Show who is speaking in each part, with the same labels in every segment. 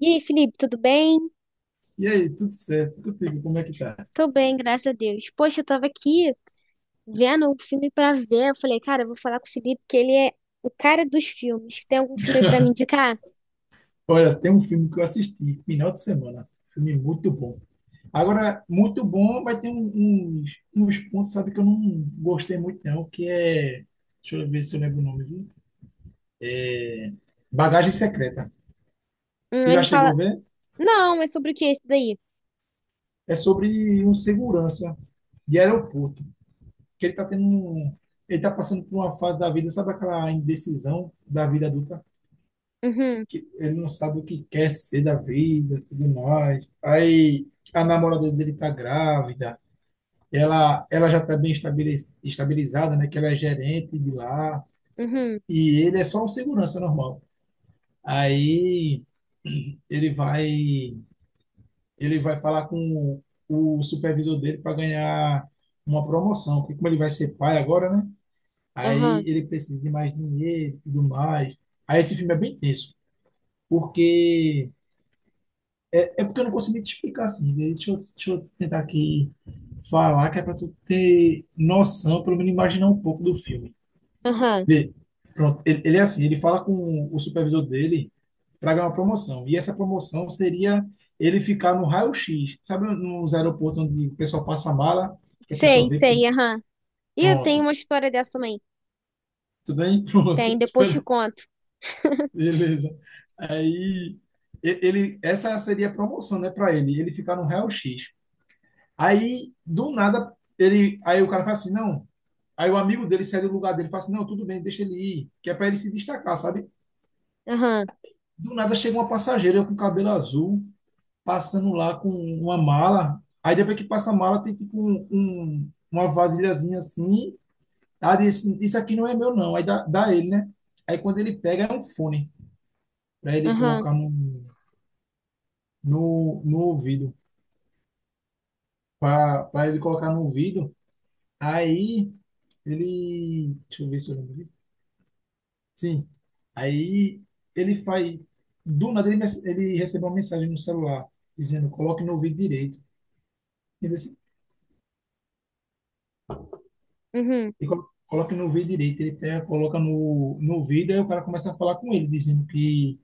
Speaker 1: E aí, Felipe, tudo bem?
Speaker 2: E aí, tudo certo? Contigo, como é que tá?
Speaker 1: Tô bem, graças a Deus. Poxa, eu tava aqui vendo um filme pra ver. Eu falei, cara, eu vou falar com o Felipe, que ele é o cara dos filmes. Tem algum filme pra me indicar?
Speaker 2: Olha, tem um filme que eu assisti final de semana. Filme muito bom. Agora, muito bom, vai ter uns pontos, sabe, que eu não gostei muito, não, que é. Deixa eu ver se eu lembro o nome, viu? É, Bagagem Secreta. Tu já
Speaker 1: Ele
Speaker 2: chegou
Speaker 1: fala,
Speaker 2: a ver?
Speaker 1: não, é sobre o que esse daí?
Speaker 2: É sobre um segurança de aeroporto, que ele tá ele tá passando por uma fase da vida, sabe aquela indecisão da vida adulta?
Speaker 1: Uhum,
Speaker 2: Que ele não sabe o que quer ser da vida, tudo mais. Aí a namorada dele tá grávida, ela já tá bem estabilizada, né? Que ela é gerente de lá,
Speaker 1: uhum,
Speaker 2: e ele é só um segurança normal. Aí ele vai, ele vai falar com o supervisor dele para ganhar uma promoção, porque como ele vai ser pai agora, né? Aí
Speaker 1: aham,
Speaker 2: ele precisa de mais dinheiro e tudo mais. Aí esse filme é bem tenso, porque é porque eu não consegui te explicar assim, né? Deixa eu tentar aqui falar, que é para tu ter noção, pelo menos imaginar um pouco do filme.
Speaker 1: aham.
Speaker 2: Vê, pronto, ele é assim, ele fala com o supervisor dele para ganhar uma promoção. E essa promoção seria ele ficar no raio-x. Sabe nos aeroportos onde o pessoal passa a mala, que a pessoa
Speaker 1: Sei,
Speaker 2: vê,
Speaker 1: sei, aham. E eu tenho
Speaker 2: pronto.
Speaker 1: uma história dessa também.
Speaker 2: Tudo bem?
Speaker 1: Tem,
Speaker 2: Pronto.
Speaker 1: depois te
Speaker 2: Espera.
Speaker 1: conto.
Speaker 2: Beleza. Aí, essa seria a promoção, né, para ele ficar no raio-x. Aí, do nada, aí o cara fala assim, não. Aí o amigo dele sai do lugar dele e fala assim, não, tudo bem, deixa ele ir, que é para ele se destacar, sabe?
Speaker 1: Aham,
Speaker 2: Do nada chega uma passageira com cabelo azul, passando lá com uma mala. Aí depois que passa a mala, tem tipo uma vasilhazinha assim. Ah, disse, isso aqui não é meu, não. Aí dá ele, né? Aí quando ele pega, é um fone para ele
Speaker 1: aham,
Speaker 2: colocar no ouvido. Para ele colocar no ouvido. Aí ele. Deixa eu ver se eu lembro. Sim. Aí ele faz. Do nada ele recebeu uma mensagem no celular dizendo: coloque no ouvido direito. Ele disse,
Speaker 1: uhum,
Speaker 2: e coloque no ouvido direito. Ele pega, coloca no ouvido, aí o cara começa a falar com ele, dizendo que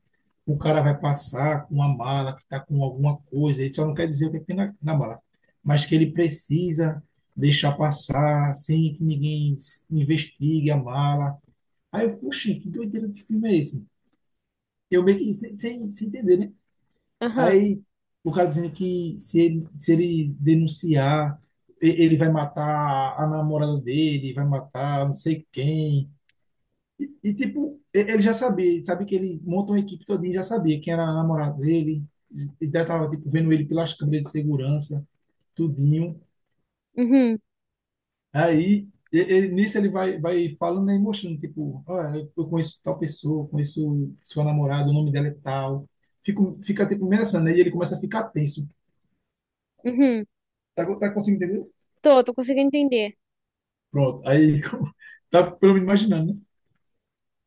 Speaker 2: o cara vai passar com uma mala, que está com alguma coisa. Ele só não quer dizer o que tem na mala, mas que ele precisa deixar passar sem que ninguém investigue a mala. Aí eu, poxa, que doideira de filme é esse? Eu meio que sem entender, né?
Speaker 1: aham,
Speaker 2: Aí o cara dizendo que se ele denunciar, ele vai matar a namorada dele, vai matar não sei quem. E, tipo, ele já sabia, ele sabia que ele montou uma equipe todinha, já sabia quem era a namorada dele, e já tava tipo, vendo ele pelas câmeras de segurança, tudinho.
Speaker 1: uhum,
Speaker 2: Aí, nisso ele vai falando, né, e mostrando, tipo, olha, eu conheço tal pessoa, eu conheço sua namorada, o nome dela é tal. Fica tipo, ameaçando, né? E ele começa a ficar tenso.
Speaker 1: uhum.
Speaker 2: Tá conseguindo entender?
Speaker 1: Tô, tô conseguindo entender.
Speaker 2: Pronto. Aí, tá pelo menos imaginando, né?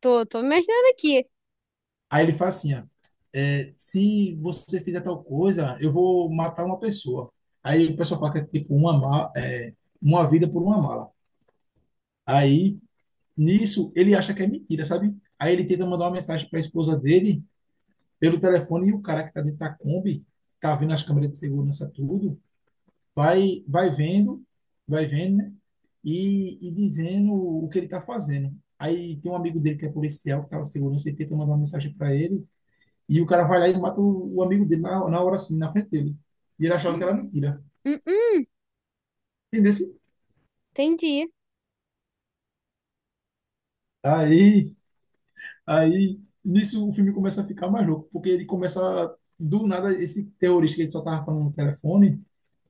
Speaker 1: Tô, tô imaginando aqui.
Speaker 2: Aí ele fala assim, ó, é, se você fizer tal coisa, eu vou matar uma pessoa. Aí o pessoal fala que é tipo uma vida por uma mala. Aí, nisso, ele acha que é mentira, sabe? Aí ele tenta mandar uma mensagem para a esposa dele pelo telefone e o cara que tá dentro da Kombi, tá vendo as câmeras de segurança, tudo, vai vendo, vai vendo, né? E dizendo o que ele está fazendo. Aí tem um amigo dele que é policial, que estava segurança, e tenta mandar uma mensagem para ele, e o cara vai lá e mata o amigo dele na hora assim, na frente dele. E ele achava que era mentira.
Speaker 1: Hum, hum,
Speaker 2: Entendeu?
Speaker 1: entendi.
Speaker 2: Aí, aí, nisso o filme começa a ficar mais louco, porque ele começa, do nada, esse terrorista que ele só tava falando no telefone,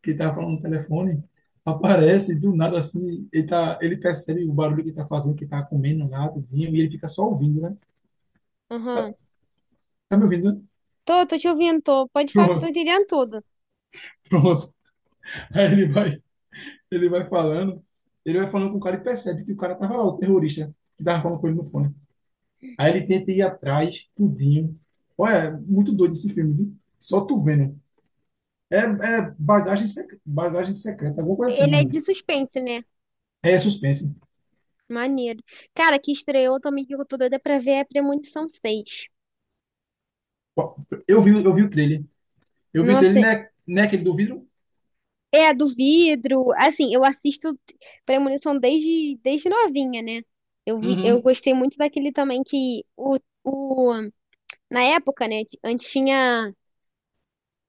Speaker 2: que tá falando no telefone, aparece do nada assim, ele, tá, ele percebe o barulho que tá fazendo, que tá comendo lá, tudinho, e ele fica só ouvindo, né? Tá,
Speaker 1: Aham.
Speaker 2: tá me ouvindo, né?
Speaker 1: Tô, tô te ouvindo, tô. Pode falar que eu tô
Speaker 2: Pronto,
Speaker 1: entendendo tudo.
Speaker 2: pronto. Aí ele vai falando, ele vai falando com o cara e percebe que o cara tava lá, o terrorista, que tava falando com ele no fone. Aí ele tenta ir atrás, tudinho. Olha, é muito doido esse filme, viu? Só tu vendo. É bagagem secreta, alguma coisa assim,
Speaker 1: Ele é
Speaker 2: mano.
Speaker 1: de suspense, né?
Speaker 2: É suspense.
Speaker 1: Maneiro. Cara, que estreou também que eu tô doida pra ver é Premonição seis.
Speaker 2: Eu vi o trailer. Eu vi o trailer,
Speaker 1: Nossa,
Speaker 2: não é aquele do vidro?
Speaker 1: é a do vidro. Assim, eu assisto Premonição desde, desde novinha, né? Eu vi, eu
Speaker 2: Uhum,
Speaker 1: gostei muito daquele também que o, na época, né? Antes tinha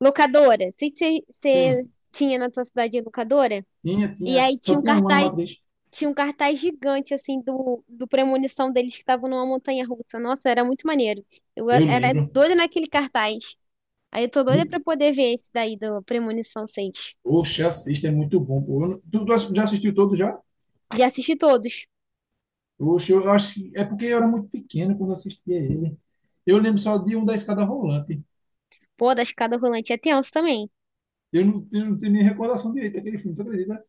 Speaker 1: locadora. Sei se você
Speaker 2: sim.
Speaker 1: tinha na tua cidade locadora.
Speaker 2: Tinha,
Speaker 1: E
Speaker 2: tinha.
Speaker 1: aí
Speaker 2: Só
Speaker 1: tinha um
Speaker 2: tinha uma na
Speaker 1: cartaz.
Speaker 2: matriz.
Speaker 1: Tinha um cartaz gigante, assim, do, do premonição deles que estavam numa montanha russa. Nossa, era muito maneiro. Eu e-
Speaker 2: Eu
Speaker 1: era
Speaker 2: lembro.
Speaker 1: doida naquele cartaz. Aí eu tô doida
Speaker 2: Ni-
Speaker 1: pra poder ver esse daí do Premonição seis.
Speaker 2: Oxe, assista, é muito bom, pô. Eu não- Tu já assistiu todo já?
Speaker 1: E assisti todos.
Speaker 2: Oxe, eu acho que é porque eu era muito pequeno quando eu assistia ele. Eu lembro só de um da Escada Rolante.
Speaker 1: Pô, da escada rolante é tenso também.
Speaker 2: Eu não tenho nem recordação direita daquele filme, tu acredita?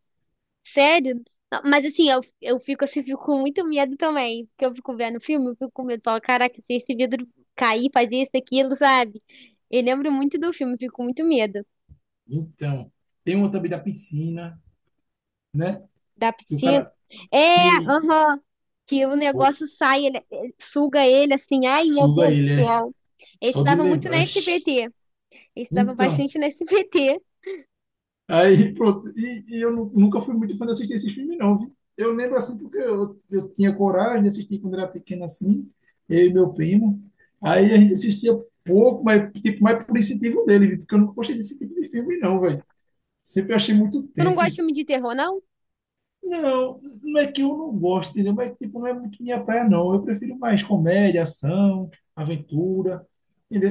Speaker 1: Sério? Não, mas assim, eu fico assim, fico com muito medo também. Porque eu fico vendo o filme, eu fico com medo. Falo, caraca, se esse vidro cair, fazer isso, aquilo, sabe? Eu lembro muito do filme, fico com muito medo.
Speaker 2: Então, tem um também da piscina, né?
Speaker 1: Da
Speaker 2: Que o
Speaker 1: piscina.
Speaker 2: cara
Speaker 1: É,
Speaker 2: que
Speaker 1: aham. Que o
Speaker 2: pô,
Speaker 1: negócio sai, ele suga ele assim. Ai, meu
Speaker 2: suga
Speaker 1: Deus do
Speaker 2: ele, é.
Speaker 1: céu. Esse
Speaker 2: Só de
Speaker 1: dava muito na
Speaker 2: lembrar. Oxe.
Speaker 1: SBT. Esse dava
Speaker 2: Então.
Speaker 1: bastante na SBT.
Speaker 2: Aí, pronto. E eu nunca fui muito fã de assistir esses filmes, não, viu? Eu lembro assim, porque eu tinha coragem de assistir quando era pequeno assim, eu e meu primo. Aí a gente assistia pouco, mas tipo, mais por incentivo dele, viu? Porque eu nunca gostei desse tipo de filme, não, velho. Sempre achei muito
Speaker 1: Tu não gosta de
Speaker 2: tenso.
Speaker 1: filme de terror, não?
Speaker 2: Não, não é que eu não gosto, entendeu? Mas tipo, não é muito minha praia, não. Eu prefiro mais comédia, ação, aventura. Entendeu?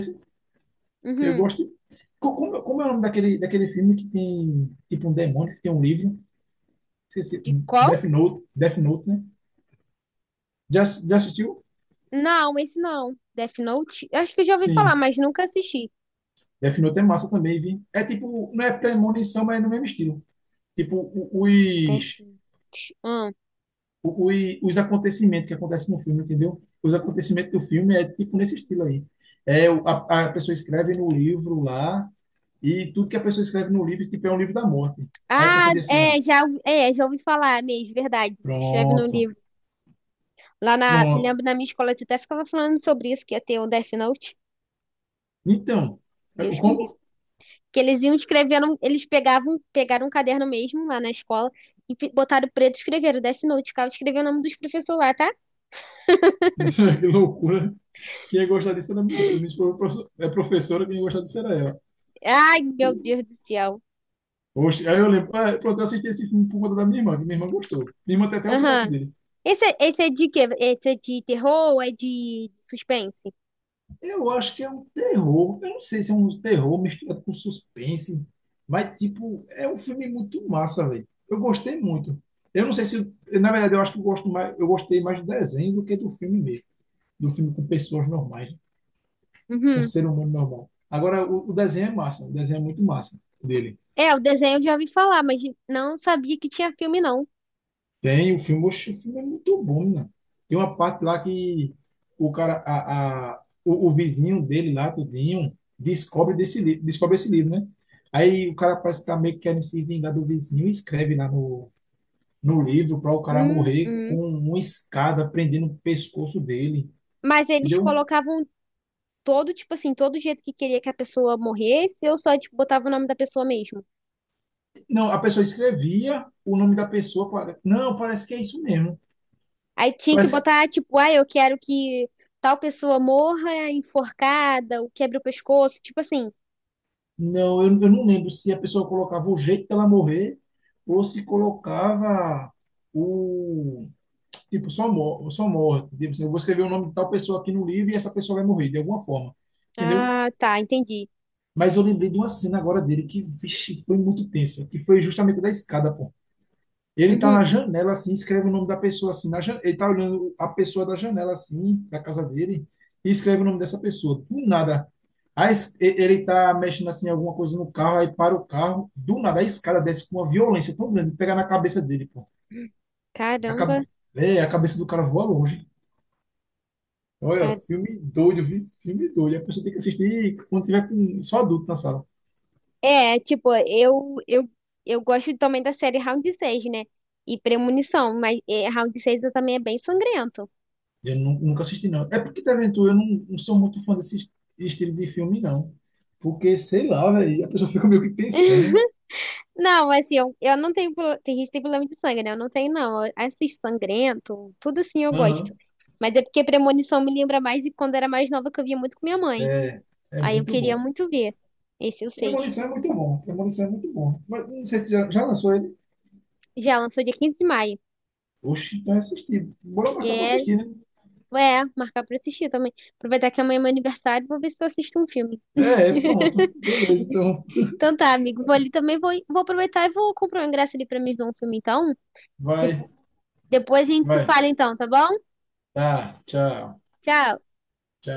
Speaker 2: Eu
Speaker 1: Uhum.
Speaker 2: gosto. Como é o nome daquele, filme que tem tipo um demônio, que tem um livro? Esqueci.
Speaker 1: De qual?
Speaker 2: Death Note, Death Note, né? Já assistiu?
Speaker 1: Não, esse não. Death Note? Eu acho que eu já ouvi falar,
Speaker 2: Sim.
Speaker 1: mas nunca assisti.
Speaker 2: Death Note é massa também, vi. É tipo, não é premonição, mas é no mesmo estilo. Tipo,
Speaker 1: Death Note. Hum.
Speaker 2: o- os, os acontecimentos que acontecem no filme, entendeu? Os acontecimentos do filme é tipo nesse estilo aí. É, a pessoa escreve no livro lá, e tudo que a pessoa escreve no livro, tipo, é um livro da morte. Aí a
Speaker 1: Ah,
Speaker 2: pessoa diz assim, ah,
Speaker 1: é, já, já ouvi falar mesmo, verdade. Escreve no
Speaker 2: pronto,
Speaker 1: livro. Lá na,
Speaker 2: pronto.
Speaker 1: lembro na minha escola, você até ficava falando sobre isso, que ia ter um Death Note.
Speaker 2: Então, é,
Speaker 1: Deus me livre.
Speaker 2: como?
Speaker 1: Que eles iam escrevendo, eles pegavam, pegaram um caderno mesmo lá na escola e botaram preto e escreveram Death Note, cara, escreveu o nome dos professores lá, tá?
Speaker 2: Que loucura. Quem ia gostar disso era minha esposa. Minha esposa é professora, quem ia gostar disso era ela.
Speaker 1: Ai, meu Deus do céu.
Speaker 2: Oxe, aí eu lembro, ah, pronto, eu assisti esse filme por conta da minha irmã, que minha irmã gostou. Minha irmã tem até o boneco
Speaker 1: Aham.
Speaker 2: dele.
Speaker 1: Esse, esse é de quê? Esse é de terror ou é de suspense?
Speaker 2: Eu acho que é um terror, eu não sei se é um terror misturado com suspense, mas, tipo, é um filme muito massa, velho. Eu gostei muito. Eu não sei se, na verdade, eu acho que eu gostei mais do desenho do que do filme mesmo. Do filme com pessoas normais, com
Speaker 1: Uhum.
Speaker 2: ser humano normal. Agora, o desenho é massa, o desenho é muito massa dele.
Speaker 1: É, o desenho eu já ouvi falar, mas não sabia que tinha filme, não.
Speaker 2: Tem o filme, oxe, o filme é muito bom, né? Tem uma parte lá que o vizinho dele lá, tudinho, descobre desse livro, descobre esse livro, né? Aí o cara parece que tá meio que querendo se vingar do vizinho e escreve lá no livro para o cara
Speaker 1: Hum,
Speaker 2: morrer
Speaker 1: hum.
Speaker 2: com uma escada prendendo o pescoço dele,
Speaker 1: Mas eles
Speaker 2: entendeu?
Speaker 1: colocavam todo, tipo assim, todo jeito que queria que a pessoa morresse, eu só, tipo, botava o nome da pessoa mesmo.
Speaker 2: Não, a pessoa escrevia o nome da pessoa, para, não, parece que é isso mesmo.
Speaker 1: Aí tinha que
Speaker 2: Parece
Speaker 1: botar, tipo, ah, eu quero que tal pessoa morra enforcada, ou quebre o pescoço, tipo assim.
Speaker 2: Não, eu não lembro se a pessoa colocava o jeito dela morrer ou se colocava o. Tipo, só, mor só morte. Tipo, assim, eu vou escrever o nome de tal pessoa aqui no livro e essa pessoa vai morrer de alguma forma. Entendeu?
Speaker 1: Ah, tá, entendi.
Speaker 2: Mas eu lembrei de uma cena agora dele que, vixe, foi muito tensa, que foi justamente da escada, pô. Ele tá
Speaker 1: Uhum.
Speaker 2: na janela, assim, escreve o nome da pessoa, assim, na janela. Ele tá olhando a pessoa da janela, assim, da casa dele, e escreve o nome dessa pessoa. Do nada. Aí ele tá mexendo, assim, alguma coisa no carro, aí para o carro. Do nada, a escada desce com uma violência tão grande, pega na cabeça dele, pô. A,
Speaker 1: Caramba,
Speaker 2: ca- a cabeça do cara voa longe. Olha,
Speaker 1: cara.
Speaker 2: filme doido, filme doido. A pessoa tem que assistir quando tiver com só adulto na sala.
Speaker 1: É, tipo, eu gosto também da série Round 6, né? E Premonição, mas é, Round 6 também é bem sangrento.
Speaker 2: Eu nunca assisti, não. É porque Taventura eu não sou muito fã desse estilo de filme, não. Porque, sei lá, velho, a pessoa fica meio que pensando.
Speaker 1: Não, assim, eu não tenho. Tem gente que tem problema de sangue, né? Eu não tenho, não. Eu assisto sangrento, tudo assim eu gosto.
Speaker 2: Aham.
Speaker 1: Mas é porque Premonição me lembra mais de quando era mais nova que eu via muito com minha mãe.
Speaker 2: É, é
Speaker 1: Aí eu
Speaker 2: muito
Speaker 1: queria
Speaker 2: bom.
Speaker 1: muito ver. Esse é o 6.
Speaker 2: Premonição é muito bom. Premonição é muito bom. Mas não sei se já lançou ele.
Speaker 1: Já lançou dia 15 de maio.
Speaker 2: Oxi, então é assistir. Bora
Speaker 1: E
Speaker 2: marcar pra
Speaker 1: é,
Speaker 2: assistir, né?
Speaker 1: é, marcar pra assistir também. Aproveitar que amanhã é meu aniversário, vou ver se eu assisto um filme.
Speaker 2: É, pronto. Beleza, então.
Speaker 1: Então tá, amigo. Vou ali também, vou aproveitar e vou comprar um ingresso ali pra mim ver um filme, então.
Speaker 2: Vai,
Speaker 1: Depo- Depois a gente se
Speaker 2: vai.
Speaker 1: fala, então, tá bom?
Speaker 2: Tá, tchau,
Speaker 1: Tchau.
Speaker 2: tchau.